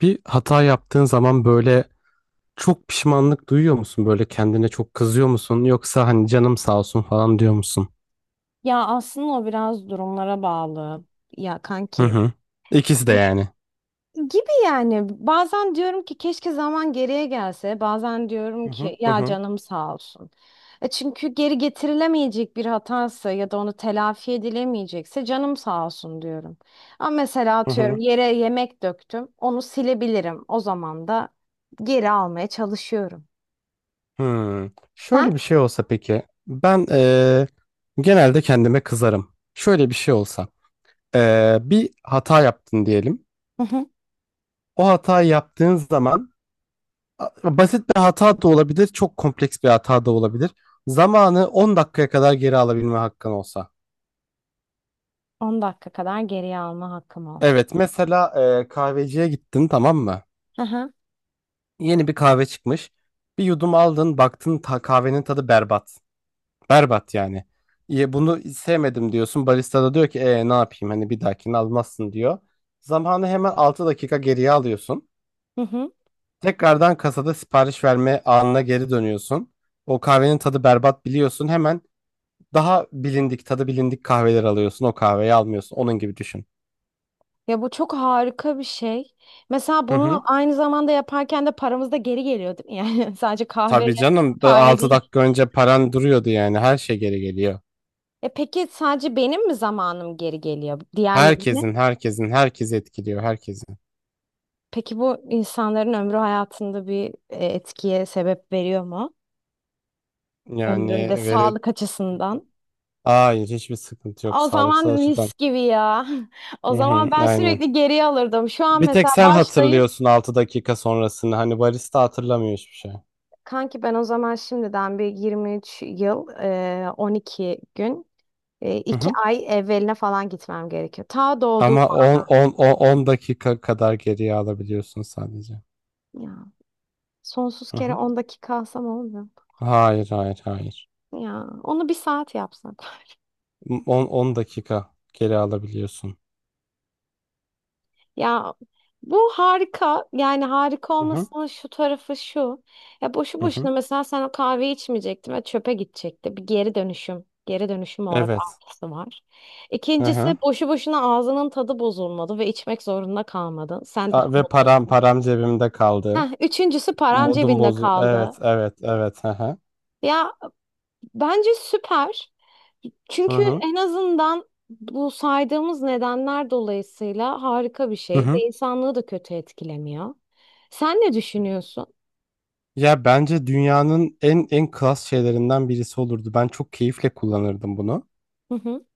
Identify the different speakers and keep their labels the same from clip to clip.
Speaker 1: Bir hata yaptığın zaman böyle çok pişmanlık duyuyor musun? Böyle kendine çok kızıyor musun? Yoksa hani canım sağ olsun falan diyor musun?
Speaker 2: Ya aslında o biraz durumlara bağlı. Ya
Speaker 1: Hı
Speaker 2: kanki
Speaker 1: hı. İkisi de yani.
Speaker 2: gibi yani bazen diyorum ki keşke zaman geriye gelse. Bazen diyorum
Speaker 1: Hı hı
Speaker 2: ki
Speaker 1: hı
Speaker 2: ya
Speaker 1: hı
Speaker 2: canım sağ olsun. Çünkü geri getirilemeyecek bir hatası ya da onu telafi edilemeyecekse canım sağ olsun diyorum. Ama mesela
Speaker 1: hı hı.
Speaker 2: atıyorum yere yemek döktüm. Onu silebilirim. O zaman da geri almaya çalışıyorum.
Speaker 1: Hı. Şöyle
Speaker 2: Sen?
Speaker 1: bir şey olsa peki. Ben genelde kendime kızarım. Şöyle bir şey olsa. Bir hata yaptın diyelim.
Speaker 2: Hı hı.
Speaker 1: O hatayı yaptığın zaman basit bir hata da olabilir, çok kompleks bir hata da olabilir. Zamanı 10 dakikaya kadar geri alabilme hakkın olsa.
Speaker 2: 10 dakika kadar geriye alma hakkım olsun.
Speaker 1: Evet mesela kahveciye gittin, tamam mı?
Speaker 2: Hı hı.
Speaker 1: Yeni bir kahve çıkmış. Bir yudum aldın, baktın kahvenin tadı berbat. Berbat yani. Ya bunu sevmedim diyorsun. Barista da diyor ki ne yapayım, hani bir dahakini almazsın diyor. Zamanı hemen 6 dakika geriye alıyorsun.
Speaker 2: Hı hı.
Speaker 1: Tekrardan kasada sipariş verme anına geri dönüyorsun. O kahvenin tadı berbat, biliyorsun. Hemen daha bilindik tadı bilindik kahveler alıyorsun. O kahveyi almıyorsun. Onun gibi düşün.
Speaker 2: Ya bu çok harika bir şey. Mesela
Speaker 1: Hı
Speaker 2: bunu
Speaker 1: hı.
Speaker 2: aynı zamanda yaparken de paramız da geri geliyor değil mi? Yani sadece kahve
Speaker 1: Tabii canım,
Speaker 2: kahve
Speaker 1: 6
Speaker 2: değil.
Speaker 1: dakika önce paran duruyordu, yani her şey geri geliyor.
Speaker 2: Peki sadece benim mi zamanım geri geliyor? Diğerlerine?
Speaker 1: Herkesin herkes etkiliyor, herkesin.
Speaker 2: Peki bu insanların ömrü hayatında bir etkiye sebep veriyor mu? Ömründe
Speaker 1: Yani veri
Speaker 2: sağlık açısından.
Speaker 1: hayır, hiçbir sıkıntı yok
Speaker 2: O zaman
Speaker 1: sağlıksal açıdan.
Speaker 2: mis gibi ya. O
Speaker 1: Hı
Speaker 2: zaman
Speaker 1: hı,
Speaker 2: ben
Speaker 1: aynen.
Speaker 2: sürekli geriye alırdım. Şu an
Speaker 1: Bir tek
Speaker 2: mesela
Speaker 1: sen
Speaker 2: başlayıp
Speaker 1: hatırlıyorsun 6 dakika sonrasını, hani barista hatırlamıyor hiçbir şey.
Speaker 2: kanki ben o zaman şimdiden bir 23 yıl 12 gün
Speaker 1: Hı
Speaker 2: iki
Speaker 1: hı.
Speaker 2: ay evveline falan gitmem gerekiyor. Ta doğduğum
Speaker 1: Ama
Speaker 2: an
Speaker 1: 10 dakika kadar geriye alabiliyorsun sadece.
Speaker 2: ya. Sonsuz
Speaker 1: Hı
Speaker 2: kere
Speaker 1: hı.
Speaker 2: 10 dakika alsam olmuyor.
Speaker 1: Hayır, hayır, hayır.
Speaker 2: Ya onu bir saat yapsak.
Speaker 1: 10 dakika geri alabiliyorsun.
Speaker 2: Ya bu harika. Yani harika
Speaker 1: Hı hı.
Speaker 2: olmasının şu tarafı şu. Ya boşu
Speaker 1: Hı hı.
Speaker 2: boşuna mesela sen o kahveyi içmeyecektin ve çöpe gidecekti. Bir geri dönüşüm. Geri dönüşüm olarak
Speaker 1: Evet.
Speaker 2: artısı var.
Speaker 1: Hı
Speaker 2: İkincisi
Speaker 1: hı.
Speaker 2: boşu boşuna ağzının tadı bozulmadı ve içmek zorunda kalmadın. Sen daha
Speaker 1: Ve param
Speaker 2: mutlusun.
Speaker 1: param cebimde kaldı.
Speaker 2: Heh, üçüncüsü paran
Speaker 1: Modum
Speaker 2: cebinde
Speaker 1: bozu. Evet,
Speaker 2: kaldı.
Speaker 1: evet, evet. Hı hı.
Speaker 2: Ya, bence süper.
Speaker 1: Hı
Speaker 2: Çünkü
Speaker 1: hı.
Speaker 2: en azından bu saydığımız nedenler dolayısıyla harika bir
Speaker 1: Hı
Speaker 2: şey ve
Speaker 1: hı.
Speaker 2: insanlığı da kötü etkilemiyor. Sen ne düşünüyorsun?
Speaker 1: Ya bence dünyanın en klas şeylerinden birisi olurdu. Ben çok keyifle kullanırdım bunu.
Speaker 2: Hı hı,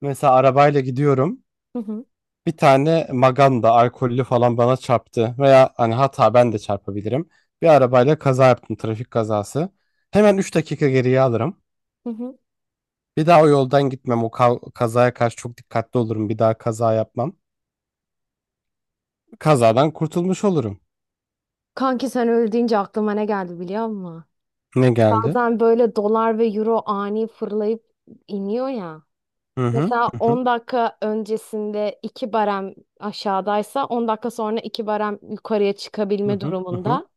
Speaker 1: Mesela arabayla gidiyorum.
Speaker 2: hı hı,
Speaker 1: Bir tane maganda alkollü falan bana çarptı, veya hani hata, ben de çarpabilirim. Bir arabayla kaza yaptım, trafik kazası. Hemen 3 dakika geriye alırım.
Speaker 2: hı hı.
Speaker 1: Bir daha o yoldan gitmem. O kazaya karşı çok dikkatli olurum. Bir daha kaza yapmam. Kazadan kurtulmuş olurum.
Speaker 2: Kanki sen öyle deyince aklıma ne geldi biliyor musun?
Speaker 1: Ne geldi?
Speaker 2: Bazen böyle dolar ve euro ani fırlayıp iniyor ya.
Speaker 1: Hı hı
Speaker 2: Mesela
Speaker 1: hı hı
Speaker 2: 10 dakika öncesinde 2 barem aşağıdaysa 10 dakika sonra 2 barem yukarıya
Speaker 1: hı
Speaker 2: çıkabilme
Speaker 1: hı hı
Speaker 2: durumunda.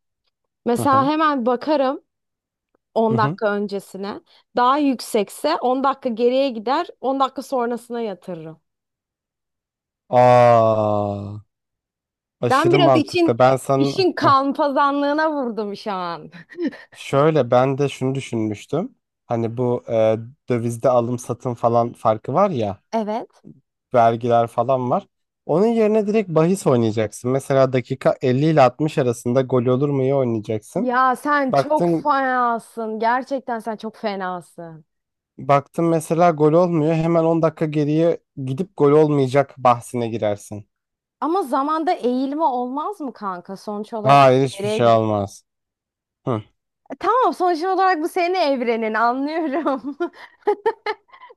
Speaker 1: hı
Speaker 2: Mesela
Speaker 1: hı.
Speaker 2: hemen bakarım.
Speaker 1: Hı
Speaker 2: 10
Speaker 1: hı. Hı.
Speaker 2: dakika öncesine. Daha yüksekse 10 dakika geriye gider, 10 dakika sonrasına yatırırım.
Speaker 1: Aa,
Speaker 2: Ben
Speaker 1: aşırı
Speaker 2: biraz
Speaker 1: mantıklı. Ben sana.
Speaker 2: işin
Speaker 1: Heh.
Speaker 2: kalpazanlığına vurdum şu an.
Speaker 1: Şöyle ben de şunu düşünmüştüm. Hani bu dövizde alım satım falan farkı var ya,
Speaker 2: Evet.
Speaker 1: vergiler falan var. Onun yerine direkt bahis oynayacaksın. Mesela dakika 50 ile 60 arasında gol olur mu, iyi oynayacaksın.
Speaker 2: Ya sen çok
Speaker 1: Baktın
Speaker 2: fenasın. Gerçekten sen çok fenasın.
Speaker 1: baktın mesela gol olmuyor. Hemen 10 dakika geriye gidip gol olmayacak bahsine girersin.
Speaker 2: Ama zamanda eğilme olmaz mı kanka? Sonuç olarak
Speaker 1: Hayır, hiçbir şey
Speaker 2: nereye.
Speaker 1: olmaz. Hı.
Speaker 2: Tamam, sonuç olarak bu senin evrenin anlıyorum.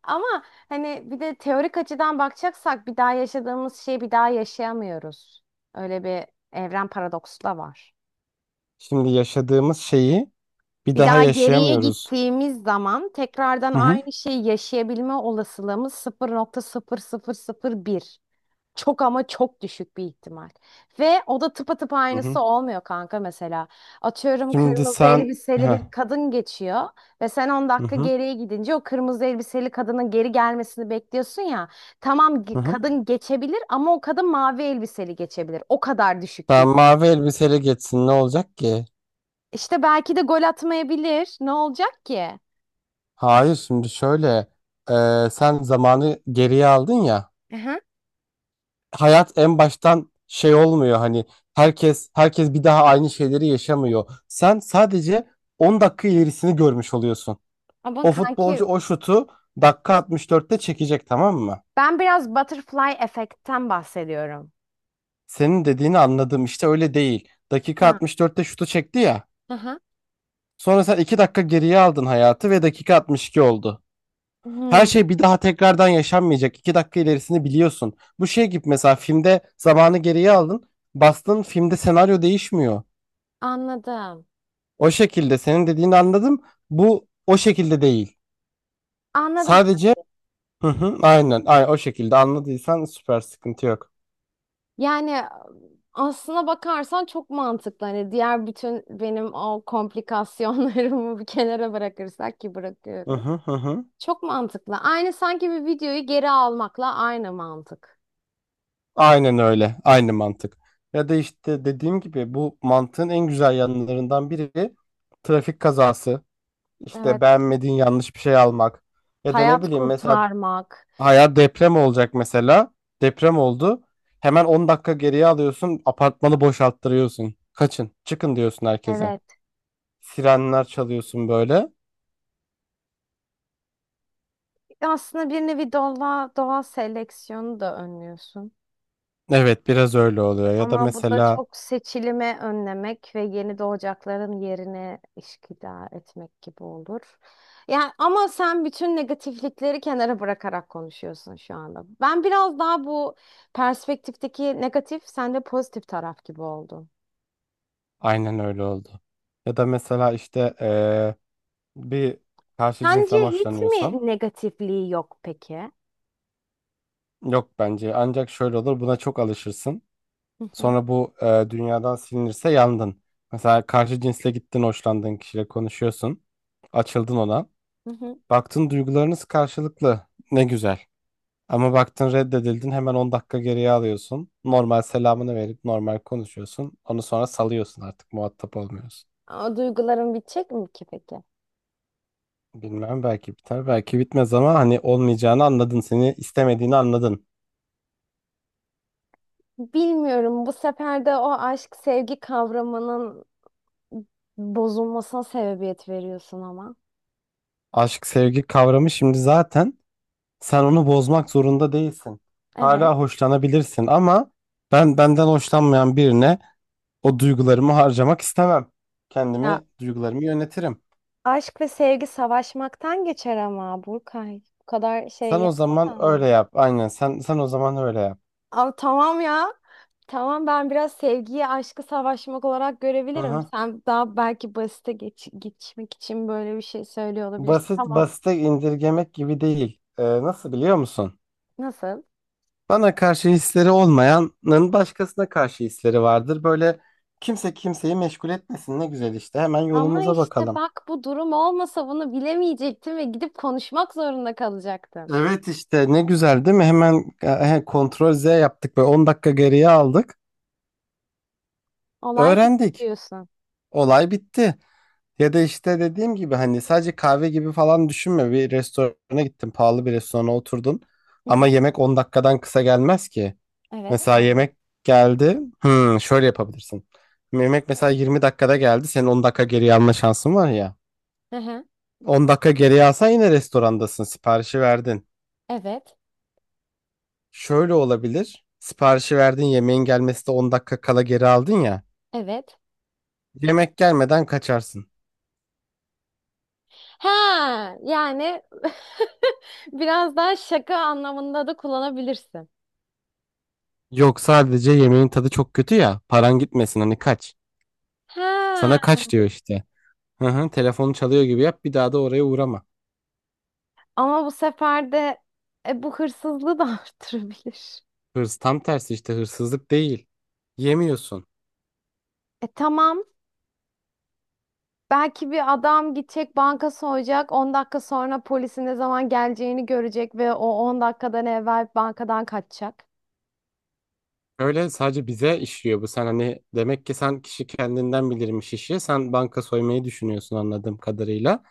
Speaker 2: Ama hani bir de teorik açıdan bakacaksak bir daha yaşadığımız şeyi bir daha yaşayamıyoruz. Öyle bir evren paradoksu da var.
Speaker 1: Şimdi yaşadığımız şeyi bir
Speaker 2: Bir
Speaker 1: daha
Speaker 2: daha geriye
Speaker 1: yaşayamıyoruz.
Speaker 2: gittiğimiz zaman tekrardan
Speaker 1: Hı hı.
Speaker 2: aynı şeyi yaşayabilme olasılığımız sıfır nokta sıfır sıfır sıfır nokta bir. Çok ama çok düşük bir ihtimal. Ve o da tıpatıp
Speaker 1: Hı
Speaker 2: aynısı
Speaker 1: hı.
Speaker 2: olmuyor kanka mesela. Atıyorum
Speaker 1: Şimdi
Speaker 2: kırmızı
Speaker 1: sen.
Speaker 2: elbiseli
Speaker 1: Heh.
Speaker 2: bir kadın geçiyor ve sen on
Speaker 1: Hı
Speaker 2: dakika
Speaker 1: hı.
Speaker 2: geriye gidince o kırmızı elbiseli kadının geri gelmesini bekliyorsun ya. Tamam,
Speaker 1: Hı hı.
Speaker 2: kadın geçebilir ama o kadın mavi elbiseli geçebilir. O kadar düşük bir.
Speaker 1: Sen mavi elbiseyle geçsin, ne olacak ki?
Speaker 2: İşte belki de gol atmayabilir. Ne olacak ki?
Speaker 1: Hayır, şimdi şöyle, sen zamanı geriye aldın ya,
Speaker 2: Aha.
Speaker 1: hayat en baştan şey olmuyor, hani herkes bir daha aynı şeyleri yaşamıyor. Sen sadece 10 dakika ilerisini görmüş oluyorsun.
Speaker 2: Ama
Speaker 1: O futbolcu
Speaker 2: kanki
Speaker 1: o şutu dakika 64'te çekecek, tamam mı?
Speaker 2: ben biraz butterfly efektten bahsediyorum.
Speaker 1: Senin dediğini anladım, işte öyle değil. Dakika
Speaker 2: Ha.
Speaker 1: 64'te şutu çekti ya.
Speaker 2: Aha.
Speaker 1: Sonra sen 2 dakika geriye aldın hayatı ve dakika 62 oldu. Her
Speaker 2: Hmm,
Speaker 1: şey bir daha tekrardan yaşanmayacak. 2 dakika ilerisini biliyorsun. Bu şey gibi, mesela filmde zamanı geriye aldın. Bastın, filmde senaryo değişmiyor.
Speaker 2: anladım.
Speaker 1: O şekilde senin dediğini anladım. Bu o şekilde değil.
Speaker 2: Anladım.
Speaker 1: Sadece, hı hı, aynen, aynen o şekilde anladıysan süper, sıkıntı yok.
Speaker 2: Yani aslına bakarsan çok mantıklı. Hani diğer bütün benim o komplikasyonlarımı bir kenara bırakırsak ki
Speaker 1: Hı
Speaker 2: bırakıyorum.
Speaker 1: hı hı hı.
Speaker 2: Çok mantıklı. Aynı sanki bir videoyu geri almakla aynı mantık.
Speaker 1: Aynen öyle. Aynı mantık. Ya da işte dediğim gibi bu mantığın en güzel yanlarından biri trafik kazası. İşte
Speaker 2: Evet.
Speaker 1: beğenmediğin yanlış bir şey almak. Ya da ne
Speaker 2: Hayat
Speaker 1: bileyim, mesela
Speaker 2: kurtarmak.
Speaker 1: hayat deprem olacak mesela. Deprem oldu. Hemen 10 dakika geriye alıyorsun. Apartmanı boşalttırıyorsun. Kaçın, çıkın diyorsun herkese.
Speaker 2: Evet.
Speaker 1: Sirenler çalıyorsun böyle.
Speaker 2: Aslında bir nevi doğa seleksiyonu da önlüyorsun.
Speaker 1: Evet, biraz öyle oluyor. Ya da
Speaker 2: Ama bu da
Speaker 1: mesela
Speaker 2: çok seçilimi önlemek ve yeni doğacakların yerine işgüdar etmek gibi olur. Yani ama sen bütün negatiflikleri kenara bırakarak konuşuyorsun şu anda. Ben biraz daha bu perspektifteki negatif, sen de pozitif taraf gibi oldun.
Speaker 1: aynen öyle oldu. Ya da mesela işte bir karşı cinsten
Speaker 2: Sence hiç
Speaker 1: hoşlanıyorsan.
Speaker 2: mi negatifliği yok peki?
Speaker 1: Yok, bence ancak şöyle olur, buna çok alışırsın.
Speaker 2: Hı hı,
Speaker 1: Sonra bu dünyadan silinirse yandın. Mesela karşı cinsle gittin, hoşlandığın kişiyle konuşuyorsun. Açıldın ona.
Speaker 2: hı hı.
Speaker 1: Baktın duygularınız karşılıklı. Ne güzel. Ama baktın reddedildin, hemen 10 dakika geriye alıyorsun. Normal selamını verip normal konuşuyorsun. Onu sonra salıyorsun, artık muhatap olmuyorsun.
Speaker 2: O duyguların bitecek mi ki peki?
Speaker 1: Bilmem, belki biter belki bitmez, ama hani olmayacağını anladın. Seni istemediğini anladın.
Speaker 2: Bilmiyorum. Bu sefer de o aşk sevgi kavramının bozulmasına sebebiyet veriyorsun ama.
Speaker 1: Aşk sevgi kavramı şimdi zaten. Sen onu bozmak zorunda değilsin.
Speaker 2: Evet.
Speaker 1: Hala hoşlanabilirsin ama ben benden hoşlanmayan birine o duygularımı harcamak istemem.
Speaker 2: Ya
Speaker 1: Kendimi, duygularımı yönetirim.
Speaker 2: aşk ve sevgi savaşmaktan geçer ama Burkay. Bu kadar şey
Speaker 1: Sen o zaman
Speaker 2: yapmasan mı?
Speaker 1: öyle yap. Aynen, sen o zaman öyle yap.
Speaker 2: Ama tamam ya. Tamam ben biraz sevgiyi aşkı savaşmak olarak görebilirim.
Speaker 1: Aha.
Speaker 2: Sen daha belki basite geçmek için böyle bir şey söylüyor olabilirsin.
Speaker 1: Basit
Speaker 2: Tamam.
Speaker 1: basite indirgemek gibi değil. Nasıl, biliyor musun?
Speaker 2: Nasıl?
Speaker 1: Bana karşı hisleri olmayanın başkasına karşı hisleri vardır. Böyle kimse kimseyi meşgul etmesin. Ne güzel işte. Hemen
Speaker 2: Ama
Speaker 1: yolumuza
Speaker 2: işte
Speaker 1: bakalım.
Speaker 2: bak bu durum olmasa bunu bilemeyecektin ve gidip konuşmak zorunda kalacaktın.
Speaker 1: Evet işte, ne güzel değil mi? Hemen kontrol Z yaptık ve 10 dakika geriye aldık.
Speaker 2: Olay bitti
Speaker 1: Öğrendik.
Speaker 2: diyorsun.
Speaker 1: Olay bitti. Ya da işte dediğim gibi, hani sadece kahve gibi falan düşünme. Bir restorana gittin, pahalı bir restorana oturdun.
Speaker 2: Hı
Speaker 1: Ama
Speaker 2: hı.
Speaker 1: yemek 10 dakikadan kısa gelmez ki.
Speaker 2: Evet
Speaker 1: Mesela
Speaker 2: gelme.
Speaker 1: yemek geldi. Hmm, şöyle yapabilirsin. Yemek mesela 20 dakikada geldi. Senin 10 dakika geriye alma şansın var ya.
Speaker 2: Hı hı.
Speaker 1: 10 dakika geriye alsan yine restorandasın. Siparişi verdin.
Speaker 2: Evet.
Speaker 1: Şöyle olabilir. Siparişi verdin, yemeğin gelmesi de 10 dakika kala geri aldın ya.
Speaker 2: Evet.
Speaker 1: Yemek gelmeden kaçarsın.
Speaker 2: Ha, yani biraz daha şaka anlamında da kullanabilirsin.
Speaker 1: Yok, sadece yemeğin tadı çok kötü ya. Paran gitmesin, hani kaç. Sana
Speaker 2: Ha,
Speaker 1: kaç diyor işte. Hı hı, telefonu çalıyor gibi yap, bir daha da oraya uğrama.
Speaker 2: ama bu sefer de bu hırsızlığı da arttırabilir.
Speaker 1: Hırs tam tersi, işte hırsızlık değil. Yemiyorsun.
Speaker 2: Tamam. Belki bir adam gidecek banka soyacak. 10 dakika sonra polisin ne zaman geleceğini görecek ve o 10 dakikadan evvel bankadan kaçacak.
Speaker 1: Öyle, sadece bize işliyor bu. Sen hani, demek ki sen, kişi kendinden bilirmiş işi. Sen banka soymayı düşünüyorsun anladığım kadarıyla.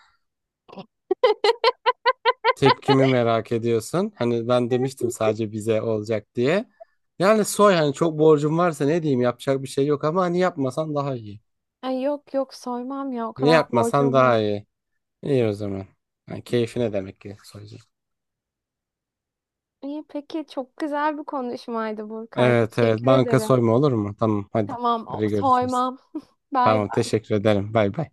Speaker 1: Tepkimi merak ediyorsun. Hani ben demiştim sadece bize olacak diye. Yani soy, hani çok borcum varsa ne diyeyim, yapacak bir şey yok, ama hani yapmasan daha iyi.
Speaker 2: Ay, yok yok, soymam ya, o
Speaker 1: Ne,
Speaker 2: kadar
Speaker 1: yapmasan
Speaker 2: borcum yok.
Speaker 1: daha iyi. İyi o zaman. Yani keyfine, demek ki soyacağım.
Speaker 2: İyi peki, çok güzel bir konuşmaydı Burkay.
Speaker 1: Evet, evet,
Speaker 2: Teşekkür
Speaker 1: banka
Speaker 2: ederim.
Speaker 1: soyma olur mu? Tamam, hadi.
Speaker 2: Tamam,
Speaker 1: Hadi görüşürüz.
Speaker 2: soymam. Bay
Speaker 1: Tamam,
Speaker 2: bay.
Speaker 1: teşekkür ederim. Bay bay.